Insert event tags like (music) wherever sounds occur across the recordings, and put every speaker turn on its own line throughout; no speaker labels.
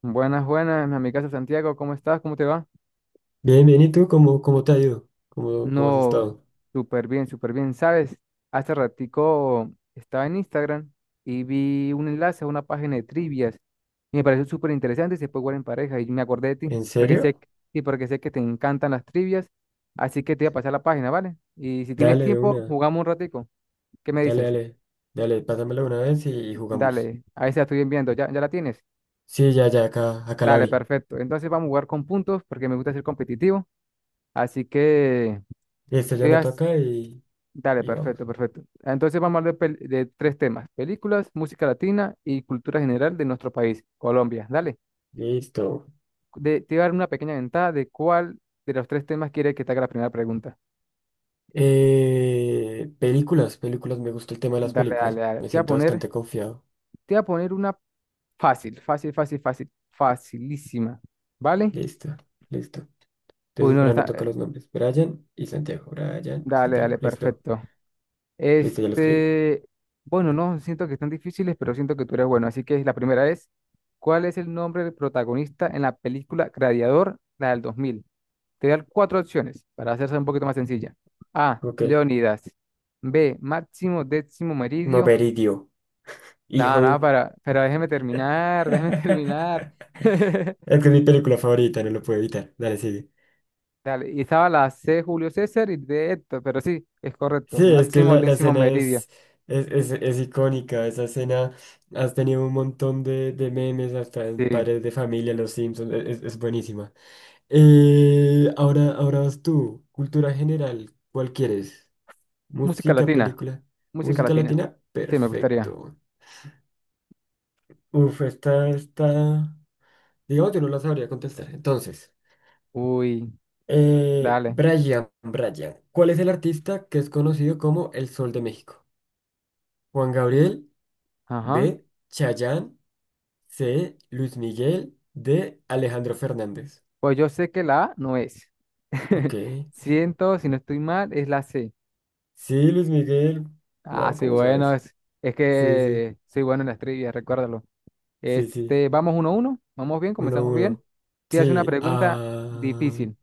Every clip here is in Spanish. Buenas, buenas, mi amigazo Santiago, ¿cómo estás? ¿Cómo te va?
Bien, bien, ¿y tú cómo te ha ido? ¿Cómo has
No,
estado?
súper bien, súper bien. ¿Sabes? Hace ratico estaba en Instagram y vi un enlace a una página de trivias y me pareció súper interesante y se puede jugar en pareja y me acordé de ti
¿En
porque sé,
serio?
que- sí, porque sé que te encantan las trivias, así que te voy a pasar la página, ¿vale? Y si tienes
Dale de
tiempo,
una,
jugamos un ratico. ¿Qué me
dale,
dices?
dale, dale, pásamela una vez y jugamos.
Dale, ahí se la estoy enviando, ¿ya la tienes?
Sí, ya, acá la
Dale,
abrí.
perfecto. Entonces vamos a jugar con puntos porque me gusta ser competitivo, así que...
Listo, yo
te voy a
anoto acá
Dale,
y vamos.
perfecto, perfecto. Entonces vamos a hablar de tres temas, películas, música latina y cultura general de nuestro país, Colombia. Dale,
Listo.
Te voy a dar una pequeña ventaja de cuál de los tres temas quiere que te haga la primera pregunta.
Películas, me gusta el tema de las
Dale,
películas.
dale, dale.
Me
Te voy a
siento
poner,
bastante confiado.
te voy a poner una fácil, fácil, fácil, fácil, facilísima. ¿Vale?
Listo, listo.
Uy,
Entonces,
no, no
para no
está.
tocar los nombres. Brian y Santiago. Brian,
Dale,
Santiago.
dale,
Listo.
perfecto.
Listo, ya lo escribí.
Este, bueno, no siento que están difíciles, pero siento que tú eres bueno. Así que la primera es, ¿cuál es el nombre del protagonista en la película Gladiador, la del 2000? Te voy a dar cuatro opciones para hacerse un poquito más sencilla. A,
Ok.
Leonidas. B, Máximo Décimo Meridio.
Moberidio.
Nada,
Hijo de
nada,
un…
para, pero déjeme terminar, déjeme (laughs) terminar.
(laughs)
(laughs)
Es que es mi película favorita, no lo puedo evitar. Dale, sigue.
Dale, y estaba la C, Julio César y D, Héctor, pero sí, es correcto.
Sí, es que
Máximo
la
Décimo
escena
Meridio.
es icónica. Esa escena has tenido un montón de memes, hasta en
Sí,
Padres de Familia, Los Simpsons. Es buenísima. Ahora vas tú. Cultura general, ¿cuál quieres?
música
Música,
latina.
película.
Música
Música
latina.
latina,
Sí, me gustaría.
perfecto. Uf, esta. Digamos, yo no la sabría contestar. Entonces.
Uy, dale.
Brian, ¿cuál es el artista que es conocido como el Sol de México? Juan Gabriel, B,
Ajá.
Chayanne, C, Luis Miguel, D, Alejandro Fernández.
Pues yo sé que la A no es.
Ok.
(laughs) Siento, si no estoy mal, es la C.
Sí, Luis Miguel.
Ah,
Wow,
sí,
¿cómo
bueno,
sabes?
es
Sí, sí,
que soy bueno en las trivias, recuérdalo.
sí, sí.
Vamos uno a uno. Vamos bien,
Uno a
comenzamos bien.
uno.
Te hace una
Sí,
pregunta
ah,
difícil,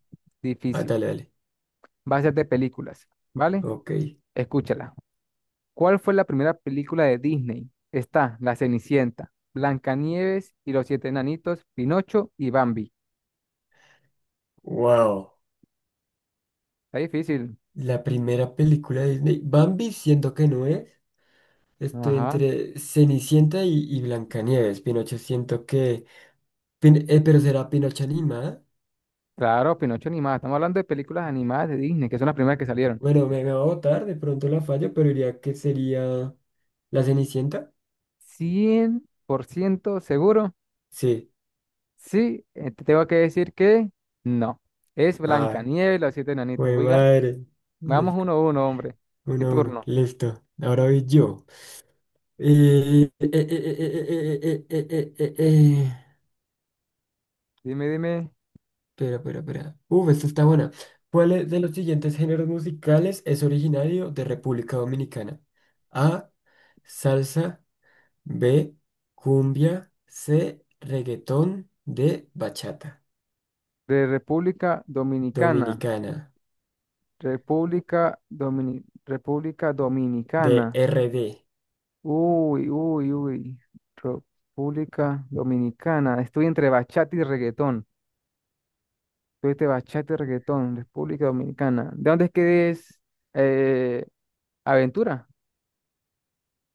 ah,
difícil.
dale, dale.
Va a ser de películas, ¿vale?
Ok.
Escúchala. ¿Cuál fue la primera película de Disney? Está La Cenicienta, Blancanieves y los siete enanitos, Pinocho y Bambi.
Wow.
Está difícil.
La primera película de Disney. Bambi, siento que no es. Estoy
Ajá.
entre Cenicienta y Blancanieves. Pinocho siento que… pero será Pinocho animada.
Claro, Pinocho animada. Estamos hablando de películas animadas de Disney, que son las primeras que salieron.
Bueno, me va a votar, de pronto la fallo, pero diría que sería la Cenicienta.
100% seguro.
Sí.
Sí, te tengo que decir que no. Es
Ay,
Blancanieves, y los siete enanitos.
güey,
Oigan,
madre. Es
vamos uno a uno, hombre. Mi
uno a uno.
turno.
Listo. Ahora voy yo. Eh. Eh.
Dime, dime.
Espera. Uf, esta está buena. ¿Cuál es de los siguientes géneros musicales es originario de República Dominicana? A. Salsa. B, cumbia. C, reggaetón. D, bachata.
De República Dominicana.
Dominicana.
República
D,
Dominicana.
R D.
Uy, uy, uy. República Dominicana. Estoy entre bachata y reggaetón. Tuviste bachata y reggaetón, República Dominicana. ¿De dónde es que es eh, Aventura?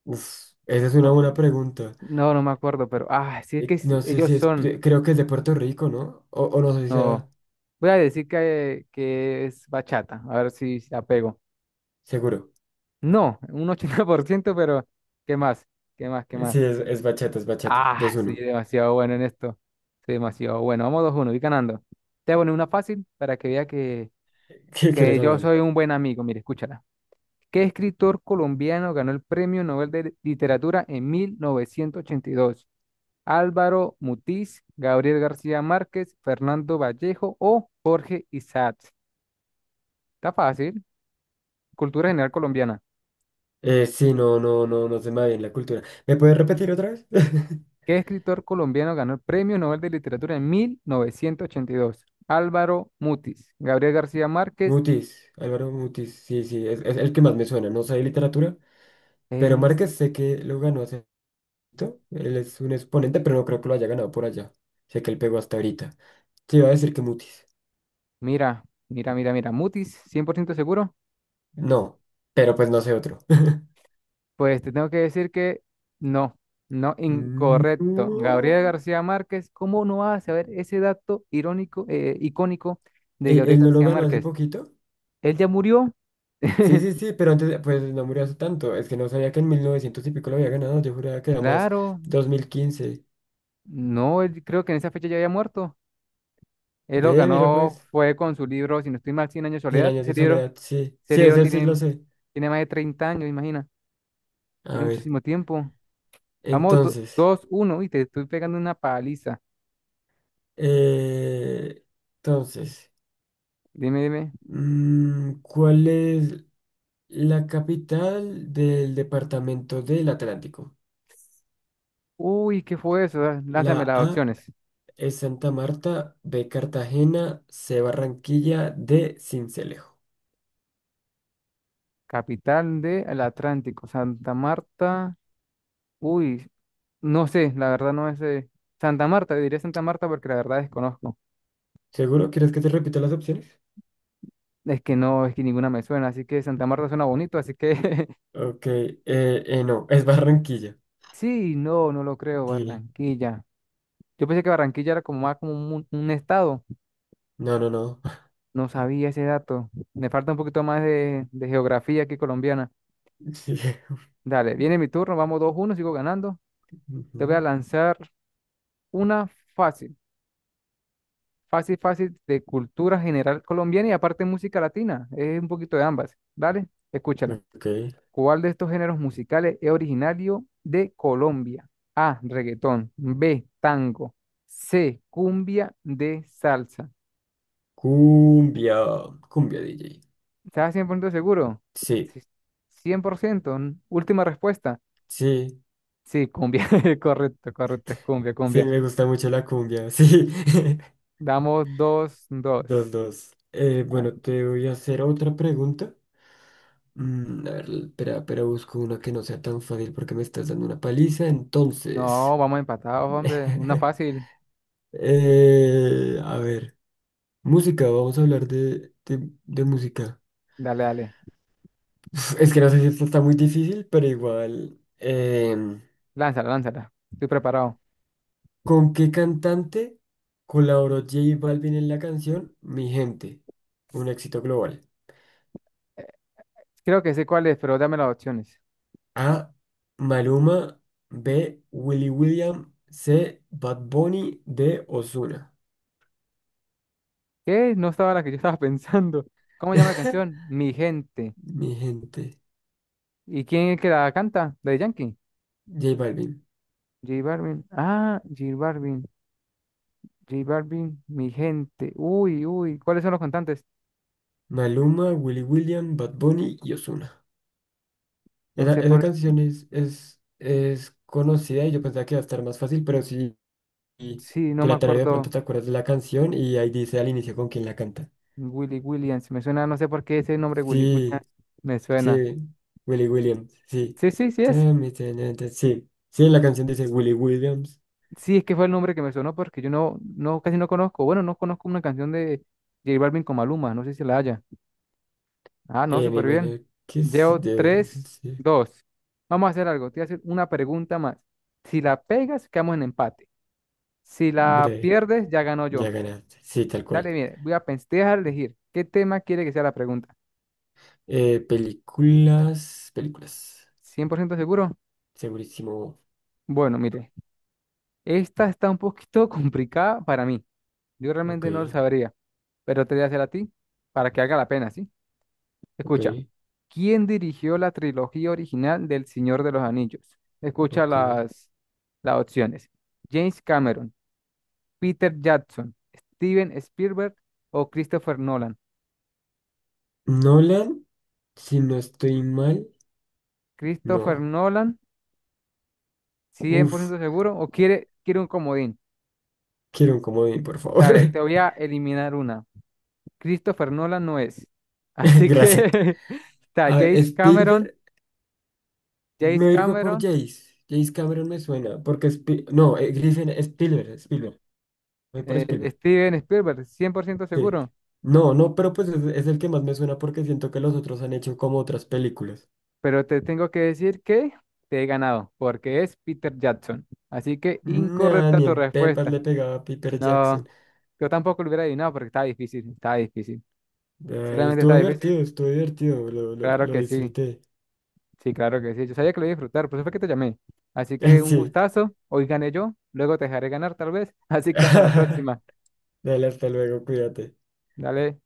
Uf, esa es una
No,
buena pregunta.
no, no me acuerdo, pero ah, sí es que
No sé si
ellos
es,
son.
creo que es de Puerto Rico, ¿no? O no sé si
No,
sea
voy a decir que es bachata, a ver si la pego.
seguro.
No, un 80%, (laughs) pero ¿qué más? ¿Qué más? ¿Qué más?
Sí, es bachata, es bachata.
Ah,
Dos
soy
uno.
demasiado bueno en esto. Soy demasiado bueno. Vamos 2-1. Voy ganando. Te voy a poner una fácil para que vea que,
(laughs) ¿Qué
que
quieres,
yo soy
amable?
un buen amigo. Mire, escúchala. ¿Qué escritor colombiano ganó el Premio Nobel de Literatura en 1982? Álvaro Mutis, Gabriel García Márquez, Fernando Vallejo o Jorge Isaacs. Está fácil. Cultura general colombiana.
Sí, no, se me va bien la cultura. ¿Me puedes repetir otra vez? (laughs)
¿Qué escritor colombiano ganó el Premio Nobel de Literatura en 1982? Álvaro Mutis, Gabriel García Márquez.
Mutis, Álvaro Mutis, sí, sí, es el que más me suena. No sé de literatura, pero
en-
Márquez sé que lo ganó hace… Él es un exponente, pero no creo que lo haya ganado por allá. Sé que él pegó hasta ahorita. Te iba a decir que Mutis.
Mira, mira, mira, mira. Mutis, 100% seguro.
No, pero pues no sé otro. (laughs)
Pues te tengo que decir que no, no, incorrecto. Gabriel
No.
García Márquez, ¿cómo no vas a saber ese dato irónico, icónico de
¿Él,
Gabriel
él no lo
García
ganó hace
Márquez?
poquito?
Él ya murió.
Sí,
(laughs)
sí, sí, pero antes, pues no murió hace tanto. Es que no sabía que en 1900 y pico lo había ganado. Yo juraba que era más
Claro,
2015.
no, él creo que en esa fecha ya había muerto. Él lo
Ve, mira
ganó,
pues,
fue con su libro, si no estoy mal, Cien años de
cien
soledad.
años
Ese
de
libro,
soledad. Sí,
ese
sí,
libro
ese sí lo
tiene,
sé.
tiene más de 30 años, imagina.
A
Tiene
ver,
muchísimo tiempo. Vamos,
entonces,
2-1 y te estoy pegando una paliza.
eh, entonces,
Dime, dime.
¿cuál es? La capital del departamento del Atlántico.
Uy, ¿qué fue eso? Ah, lánzame
La
las
A
opciones.
es Santa Marta, B Cartagena, C Barranquilla, D Cincelejo.
Capital del Atlántico, Santa Marta. Uy, no sé, la verdad no sé. Santa Marta, diré Santa Marta porque la verdad desconozco.
¿Seguro? ¿Quieres que te repita las opciones?
Es que no, es que ninguna me suena, así que Santa Marta suena bonito, así que (laughs)
Ok, no, es Barranquilla.
sí, no, no lo creo,
Sí,
Barranquilla. Yo pensé que Barranquilla era como más como un estado,
no, no, no. (laughs)
no sabía ese dato. Me falta un poquito más de geografía que colombiana.
Sí.
Dale, viene mi turno, vamos 2-1. Sigo ganando. Te voy a
Ujú.
lanzar una fácil. Fácil, fácil de cultura general colombiana y aparte música latina. Es un poquito de ambas. Dale, escúchala.
Ok.
¿Cuál de estos géneros musicales es originario de Colombia? A, reggaetón. B, tango. C, cumbia. D, salsa.
Cumbia, cumbia DJ.
¿Estás 100% seguro?
Sí,
Sí, 100%. Última respuesta.
sí,
Sí, cumbia. (laughs) Correcto, correcto. Es cumbia,
sí,
cumbia.
me gusta mucho la cumbia, sí. (laughs)
Damos dos,
Dos,
dos.
dos.
Ah,
Bueno, te voy a hacer otra pregunta. Mm, a ver, espera, busco una que no sea tan fácil porque me estás dando una paliza.
no,
Entonces,
vamos empatados, hombre. Una
(laughs)
fácil.
a ver, música, vamos a hablar de música.
Dale, dale.
Uf, es que no sé si esto está muy difícil, pero igual.
Lánzala, lánzala. Estoy preparado.
¿Con qué cantante colaboró J Balvin en la canción Mi Gente? Un éxito global.
Creo que sé cuál es, pero dame las opciones.
A. Maluma. B. Willy William. C. Bad Bunny. D. Ozuna.
¿Qué? No estaba la que yo estaba (laughs) pensando. ¿Cómo llama la
(laughs)
canción? Mi gente.
Mi gente,
¿Y quién es que la canta? ¿La de Yankee?
J Balvin,
J Balvin. Ah, J Balvin. J Balvin, mi gente. Uy, uy. ¿Cuáles son los cantantes?
Maluma, Willy William, Bad Bunny y Ozuna.
No
Esa,
sé
esa
por...
canción es conocida y yo pensaba que iba a estar más fácil, pero sí. Y
Sí, no
te
me
la tarareo, de pronto
acuerdo.
te acuerdas de la canción y ahí dice al inicio con quién la canta.
Willy Williams. Me suena, no sé por qué ese nombre Willy Williams
Sí,
me suena.
sí, Willy Williams, sí.
Sí, sí, sí es.
Tami, tana, ta- Sí, sí, en la canción dice Willy Williams.
Sí, es que fue el nombre que me sonó porque yo no, casi no conozco. Bueno, no conozco una canción de... J Balvin con Maluma, no sé si la haya. Ah, no,
Me
súper bien.
imagino que sí
Llevo
debería
tres,
existir.
dos. Vamos a hacer algo. Te voy a hacer una pregunta más. Si la pegas, quedamos en empate. Si la
Breve,
pierdes, ya ganó
ya
yo.
ganaste. Sí, tal
Dale,
cual.
mire, voy a pensar, te voy a dejar elegir. ¿Qué tema quiere que sea la pregunta?
Películas.
¿100% seguro?
Segurísimo.
Bueno, mire, esta está un poquito (laughs) complicada para mí. Yo
Ok,
realmente no lo sabría, pero te voy a hacer a ti para que haga la pena, ¿sí?
ok,
Escucha, ¿quién dirigió la trilogía original del Señor de los Anillos? Escucha
ok.
las opciones. James Cameron, Peter Jackson, Steven Spielberg o Christopher Nolan.
Nolan, si no estoy mal,
Christopher
no.
Nolan, cien por
Uf,
ciento seguro, o quiere un comodín.
quiero un comodín, por favor.
Dale,
(laughs)
te voy a eliminar una. Christopher Nolan no es. Así
Gracias.
que (laughs) está
A ver,
James Cameron,
Spielberg, me
James
voy a ir por
Cameron,
Jace. Jace Cameron me suena, porque no, Griffin, Spielberg. Voy por
eh,
Spielberg.
Steven Spielberg, 100%
Sí.
seguro.
No, no, pero pues es el que más me suena porque siento que los otros han hecho como otras películas.
Pero te tengo que decir que te he ganado, porque es Peter Jackson. Así que
Nah,
incorrecta
ni
tu
en Pepas
respuesta.
le pegaba a Piper Jackson.
No, yo tampoco lo hubiera adivinado porque estaba difícil, estaba difícil.
Ay,
Sinceramente está difícil.
estuvo divertido, lo, lo,
Claro
lo
que sí,
disfruté.
sí, claro que sí. Yo sabía que lo iba a disfrutar, por eso fue que te llamé. Así que
(laughs)
un
Sí.
gustazo, hoy gané yo, luego te dejaré ganar tal vez. (laughs) Así que hasta la
(laughs)
próxima.
Dale, hasta luego, cuídate.
Dale.